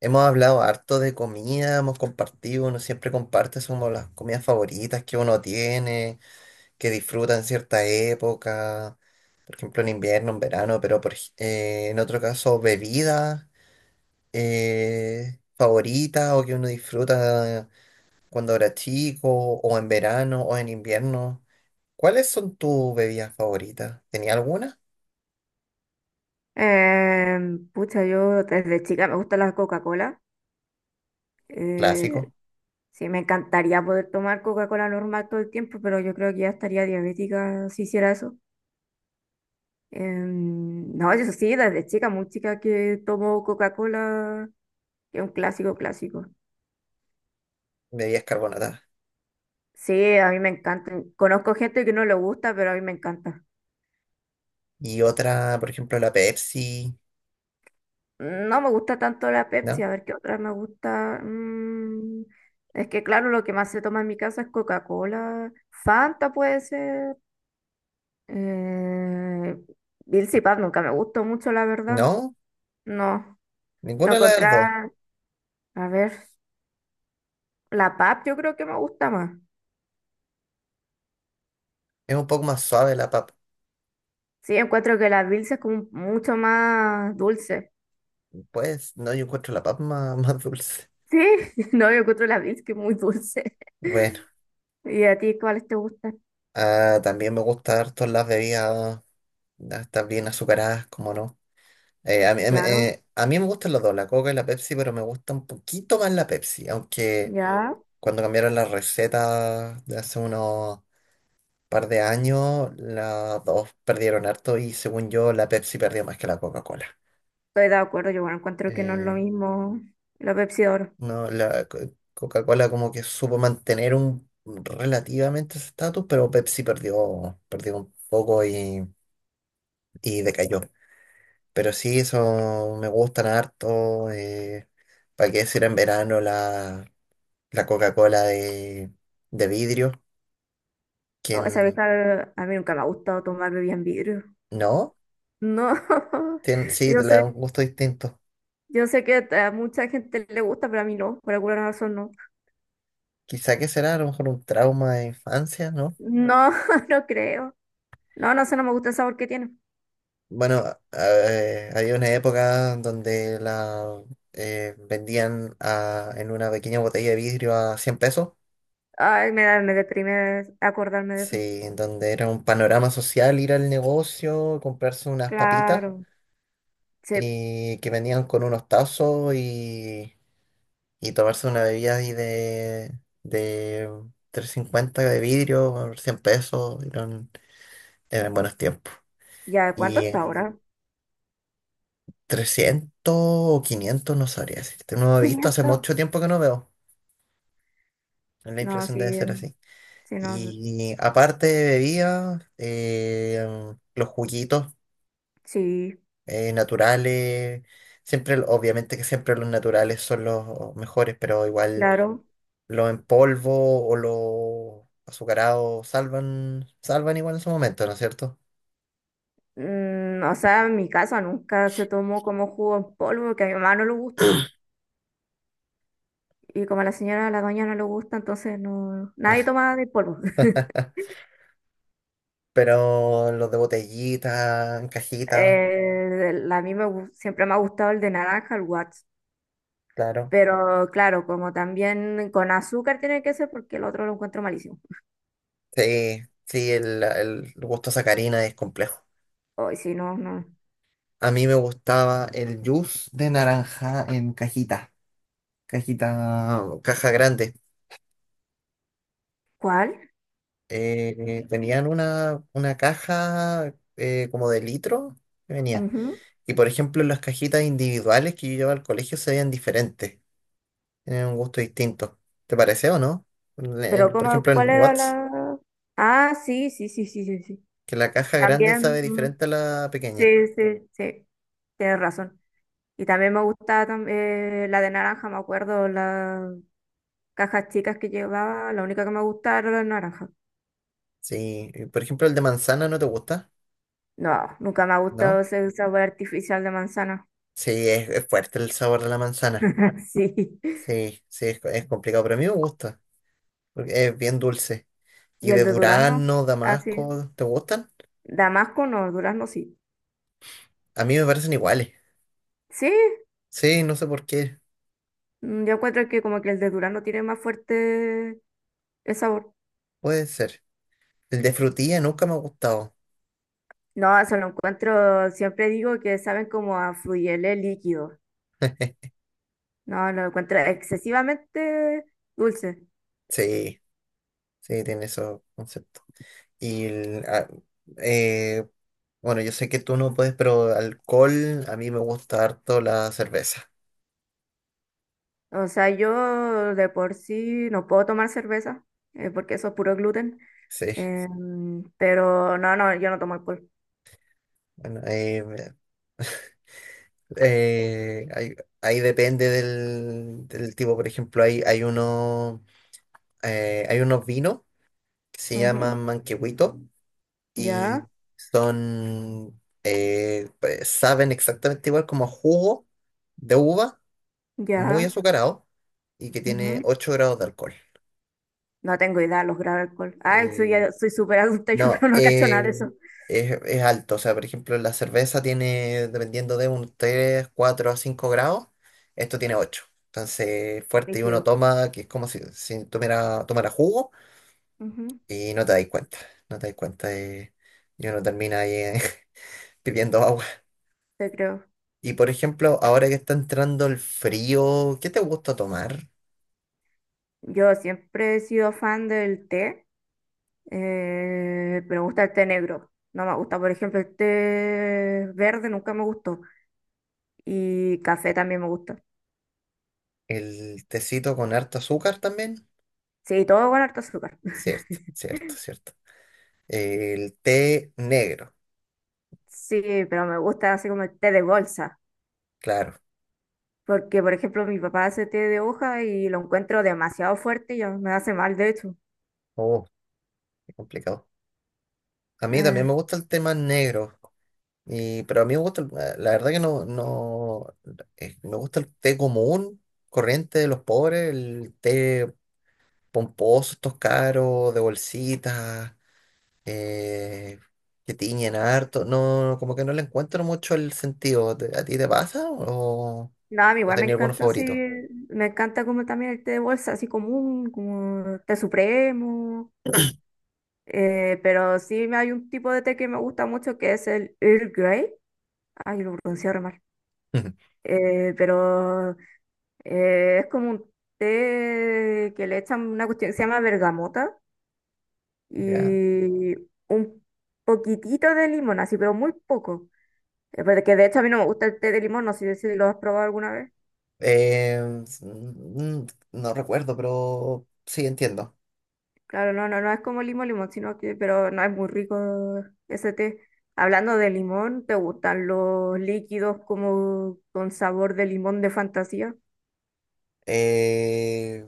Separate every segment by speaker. Speaker 1: Hemos hablado harto de comida, hemos compartido, uno siempre comparte somos las comidas favoritas que uno tiene, que disfruta en cierta época, por ejemplo en invierno, en verano, pero en otro caso bebidas favoritas o que uno disfruta cuando era chico, o en verano, o en invierno. ¿Cuáles son tus bebidas favoritas? ¿Tenía alguna?
Speaker 2: Pucha, yo desde chica me gusta la Coca-Cola. Eh,
Speaker 1: Clásico,
Speaker 2: sí, me encantaría poder tomar Coca-Cola normal todo el tiempo, pero yo creo que ya estaría diabética si hiciera eso. No, eso sí, desde chica, muy chica que tomo Coca-Cola, que es un clásico, clásico.
Speaker 1: bebidas carbonatadas.
Speaker 2: Sí, a mí me encanta. Conozco gente que no le gusta, pero a mí me encanta.
Speaker 1: Y otra, por ejemplo, la Pepsi,
Speaker 2: No me gusta tanto la Pepsi,
Speaker 1: ¿no?
Speaker 2: a ver qué otra me gusta. Es que claro, lo que más se toma en mi casa es Coca-Cola. Fanta puede ser. Eh, Bills y Pap nunca me gustó mucho, la verdad.
Speaker 1: ¿No?
Speaker 2: No,
Speaker 1: Ninguna
Speaker 2: no
Speaker 1: de las dos.
Speaker 2: contra, a ver, la Pap yo creo que me gusta más.
Speaker 1: Es un poco más suave la papa.
Speaker 2: Sí, encuentro que la Bills es como mucho más dulce.
Speaker 1: Pues no, yo encuentro la papa más, más dulce.
Speaker 2: Sí, no, yo encuentro la Bills que es muy dulce.
Speaker 1: Bueno,
Speaker 2: ¿Y a ti cuáles te gustan?
Speaker 1: ah, también me gusta harto las bebidas, estas bien azucaradas, como no. Eh, a mí, a mí
Speaker 2: Claro,
Speaker 1: eh, a mí me gustan las dos, la Coca y la Pepsi, pero me gusta un poquito más la Pepsi, aunque
Speaker 2: ya,
Speaker 1: cuando cambiaron las recetas de hace unos par de años, las dos perdieron harto y según yo la Pepsi perdió más que la Coca-Cola.
Speaker 2: estoy de acuerdo, yo bueno, encuentro que no es lo
Speaker 1: Eh,
Speaker 2: mismo la Pepsi de oro.
Speaker 1: No, la Coca-Cola como que supo mantener un relativamente ese estatus, pero Pepsi perdió, perdió un poco y decayó. Pero sí, eso me gustan harto. ¿Para qué decir en verano la Coca-Cola de vidrio?
Speaker 2: Oh, esa vez
Speaker 1: ¿Quién
Speaker 2: a mí nunca me ha gustado tomar bebidas en vidrio.
Speaker 1: no?
Speaker 2: No,
Speaker 1: Sí, te
Speaker 2: yo
Speaker 1: le da un
Speaker 2: soy
Speaker 1: gusto distinto.
Speaker 2: Yo sé que a mucha gente le gusta, pero a mí no, por alguna razón no.
Speaker 1: Quizá que será a lo mejor un trauma de infancia, ¿no?
Speaker 2: No, no creo. No, no sé, no me gusta el sabor que tiene.
Speaker 1: Bueno, había una época donde la vendían en una pequeña botella de vidrio a 100 pesos.
Speaker 2: Ay, me da, me deprime acordarme de eso.
Speaker 1: Sí, en donde era un panorama social ir al negocio, comprarse unas papitas
Speaker 2: Claro. Sí.
Speaker 1: que venían con unos tazos y tomarse una bebida ahí de 350 de vidrio por 100 pesos. Eran, eran buenos tiempos.
Speaker 2: ¿Ya cuánto
Speaker 1: Y
Speaker 2: está ahora?
Speaker 1: 300 o 500 no sabría decirte. No he visto, hace
Speaker 2: 500.
Speaker 1: mucho tiempo que no veo. La
Speaker 2: No,
Speaker 1: inflación
Speaker 2: sí,
Speaker 1: debe ser así.
Speaker 2: sí, no,
Speaker 1: Y aparte de bebidas, los juguitos
Speaker 2: sí,
Speaker 1: naturales, siempre, obviamente que siempre los naturales son los mejores, pero igual
Speaker 2: claro.
Speaker 1: los en polvo o los azucarados salvan, salvan igual en su momento, ¿no es cierto?
Speaker 2: O sea, en mi casa nunca se tomó como jugo en polvo, porque a mi mamá no le gusta. Y como a la señora, a la doña no le gusta, entonces no, nadie toma de polvo.
Speaker 1: Pero los de botellita, en cajita,
Speaker 2: A mí me, siempre me ha gustado el de naranja, el Watts.
Speaker 1: claro.
Speaker 2: Pero claro, como también con azúcar tiene que ser porque el otro lo encuentro malísimo.
Speaker 1: Sí, sí, el gusto sacarina es complejo.
Speaker 2: Hoy si no, no.
Speaker 1: A mí me gustaba el juice de naranja en cajita, cajita, caja grande.
Speaker 2: ¿Cuál?
Speaker 1: Tenían una caja como de litro que venía.
Speaker 2: Ujú.
Speaker 1: Y por ejemplo, las cajitas individuales que yo llevaba al colegio se veían diferentes, tenían un gusto distinto. ¿Te parece o no? Le-
Speaker 2: Pero
Speaker 1: en- por
Speaker 2: como,
Speaker 1: ejemplo, en
Speaker 2: ¿cuál era
Speaker 1: Watts,
Speaker 2: la...? Ah, sí, sí, sí, sí, sí, sí.
Speaker 1: que la caja grande
Speaker 2: También,
Speaker 1: sabe
Speaker 2: mm,
Speaker 1: diferente a la pequeña.
Speaker 2: sí, sí, sí, tienes razón. Y también me gustaba la de naranja, me acuerdo, las cajas chicas que llevaba, la única que me gustaba era la de naranja.
Speaker 1: Sí, y por ejemplo, el de manzana no te gusta,
Speaker 2: No, nunca me ha gustado
Speaker 1: ¿no?
Speaker 2: ese sabor artificial de manzana.
Speaker 1: Sí, es fuerte el sabor de la manzana.
Speaker 2: Sí.
Speaker 1: Sí, sí, es complicado, pero a mí me gusta, porque es bien dulce.
Speaker 2: ¿Y
Speaker 1: ¿Y
Speaker 2: el
Speaker 1: de
Speaker 2: de durazno?
Speaker 1: durazno,
Speaker 2: Así,
Speaker 1: damasco, te gustan?
Speaker 2: Damasco no, durazno sí.
Speaker 1: A mí me parecen iguales.
Speaker 2: Sí,
Speaker 1: Sí, no sé por qué,
Speaker 2: yo encuentro que como que el de durazno tiene más fuerte el sabor.
Speaker 1: puede ser. El de frutilla nunca me ha gustado.
Speaker 2: No, eso lo encuentro, siempre digo que saben como a fluyele líquido. No, lo encuentro excesivamente dulce.
Speaker 1: Sí, sí, tiene esos conceptos. Y, ah, eh, bueno, yo sé que tú no puedes, pero alcohol, a mí me gusta harto la cerveza.
Speaker 2: O sea, yo de por sí no puedo tomar cerveza, porque eso es puro gluten.
Speaker 1: Sí,
Speaker 2: Pero no, no, yo no tomo alcohol.
Speaker 1: bueno, eh, ahí, ahí depende del tipo, por ejemplo, hay unos vinos que se
Speaker 2: Ujú,
Speaker 1: llaman manquehuitos
Speaker 2: ya,
Speaker 1: y son, pues, saben exactamente igual como a jugo de uva, muy
Speaker 2: ya.
Speaker 1: azucarado y que tiene 8 grados de alcohol.
Speaker 2: No tengo idea, los graba alcohol. Ay, soy,
Speaker 1: Eh,
Speaker 2: soy súper adulta yo,
Speaker 1: no,
Speaker 2: pero no cacho nada de eso.
Speaker 1: es alto, o sea, por ejemplo, la cerveza tiene, dependiendo de un 3 4 a 5 grados, esto tiene 8. Entonces, fuerte y uno
Speaker 2: Rígido.
Speaker 1: toma, que es como si, tomara, tomara jugo.
Speaker 2: Ujú,
Speaker 1: Y no te dais cuenta, no te dais cuenta de- y uno termina ahí pidiendo agua.
Speaker 2: te creo.
Speaker 1: Y por ejemplo, ahora que está entrando el frío, ¿qué te gusta tomar?
Speaker 2: Yo siempre he sido fan del té, pero me gusta el té negro. No me gusta, por ejemplo, el té verde nunca me gustó. Y café también me gusta.
Speaker 1: ¿El tecito con harto azúcar también?
Speaker 2: Sí, todo con harto azúcar.
Speaker 1: Cierto, cierto, cierto. El té negro,
Speaker 2: Sí, pero me gusta así como el té de bolsa.
Speaker 1: claro.
Speaker 2: Porque, por ejemplo, mi papá hace té de hoja y lo encuentro demasiado fuerte y ya me hace mal, de hecho.
Speaker 1: Oh, qué complicado. A mí también me
Speaker 2: Eh,
Speaker 1: gusta el té más negro, pero a mí me gusta, la verdad que no, no, me gusta el té común, corriente de los pobres, el té pomposos estos caros, de bolsitas, eh, que tiñen harto. No, como que no le encuentro mucho el sentido. ¿A ti te pasa o,
Speaker 2: No, a mí
Speaker 1: o
Speaker 2: igual me
Speaker 1: tenías alguno
Speaker 2: encanta así,
Speaker 1: favorito?
Speaker 2: me encanta como también el té de bolsa, así común, como té supremo, pero sí me- hay un tipo de té que me gusta mucho que es el Earl Grey, ay, lo pronuncié re mal. Eh, pero es como un té que le echan una cuestión que se llama bergamota
Speaker 1: Ya.
Speaker 2: y un poquitito de limón, así, pero muy poco. Porque de hecho a mí no me gusta el té de limón, no sé si lo has probado alguna vez.
Speaker 1: Eh, s- mm, no recuerdo, pero sí entiendo.
Speaker 2: Claro, no, no, no es como limón, limón, sino que, pero no es muy rico ese té. Hablando de limón, ¿te gustan los líquidos como con sabor de limón de fantasía?
Speaker 1: Eh,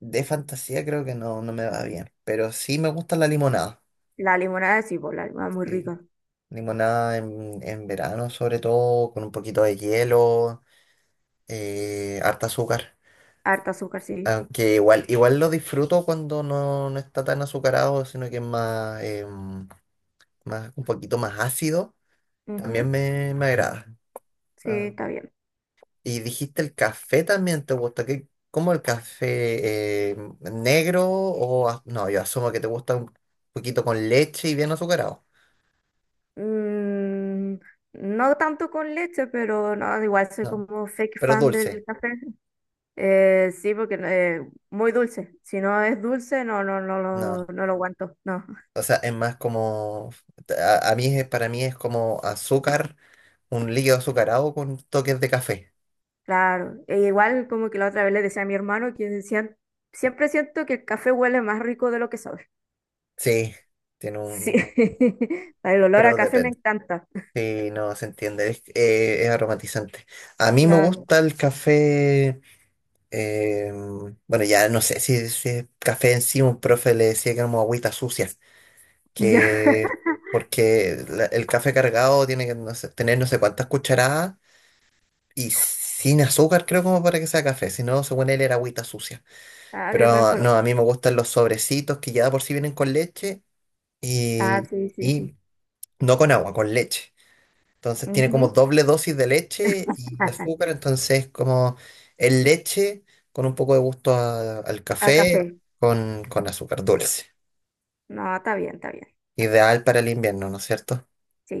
Speaker 1: de fantasía creo que no, no me va bien, pero sí me gusta la limonada.
Speaker 2: La limonada sí, pues, la limonada es muy
Speaker 1: Sí.
Speaker 2: rica.
Speaker 1: Limonada en verano sobre todo, con un poquito de hielo, harta azúcar.
Speaker 2: Harta azúcar, sí.
Speaker 1: Aunque igual, igual lo disfruto cuando no, no está tan azucarado, sino que es más, más un poquito más ácido.
Speaker 2: Ujú,
Speaker 1: También me agrada.
Speaker 2: sí,
Speaker 1: Ah,
Speaker 2: está bien.
Speaker 1: y dijiste el café también te gusta. ¿Qué, cómo el café negro o no, yo asumo que te gusta un poquito con leche y bien azucarado.
Speaker 2: Mm, no tanto con leche, pero no, igual soy
Speaker 1: No,
Speaker 2: como fake
Speaker 1: pero
Speaker 2: fan
Speaker 1: dulce.
Speaker 2: del café. Sí, porque muy dulce. Si no es dulce, no, no, no,
Speaker 1: No.
Speaker 2: no lo aguanto. No.
Speaker 1: O sea, es más como a mí para mí es como azúcar, un líquido azucarado con toques de café.
Speaker 2: Claro, e igual como que la otra vez le decía a mi hermano que decían, siempre siento que el café huele más rico de lo que sabe.
Speaker 1: Sí, tiene
Speaker 2: Sí,
Speaker 1: un
Speaker 2: el olor a
Speaker 1: pero
Speaker 2: café me
Speaker 1: depende.
Speaker 2: encanta.
Speaker 1: Sí, no se entiende, es aromatizante. A mí me
Speaker 2: Claro.
Speaker 1: gusta el café, eh, bueno, ya no sé si es café en sí, un profe le decía que era como agüita sucia,
Speaker 2: Ya.
Speaker 1: que porque el café cargado tiene que no sé, tener no sé cuántas cucharadas y sin azúcar creo como para que sea café, si no, según él era agüita sucia.
Speaker 2: Ah, que le ponen
Speaker 1: Pero no,
Speaker 2: color.
Speaker 1: a mí me gustan los sobrecitos que ya de por sí vienen con leche
Speaker 2: Ah,
Speaker 1: y,
Speaker 2: sí, sí,
Speaker 1: y
Speaker 2: sí.
Speaker 1: no con agua, con leche. Entonces tiene como
Speaker 2: Ujú.
Speaker 1: doble dosis de leche y azúcar, entonces como es leche con un poco de gusto al
Speaker 2: A
Speaker 1: café
Speaker 2: café.
Speaker 1: con azúcar dulce.
Speaker 2: No, está bien, está bien.
Speaker 1: Ideal para el invierno, ¿no es cierto?
Speaker 2: Sí.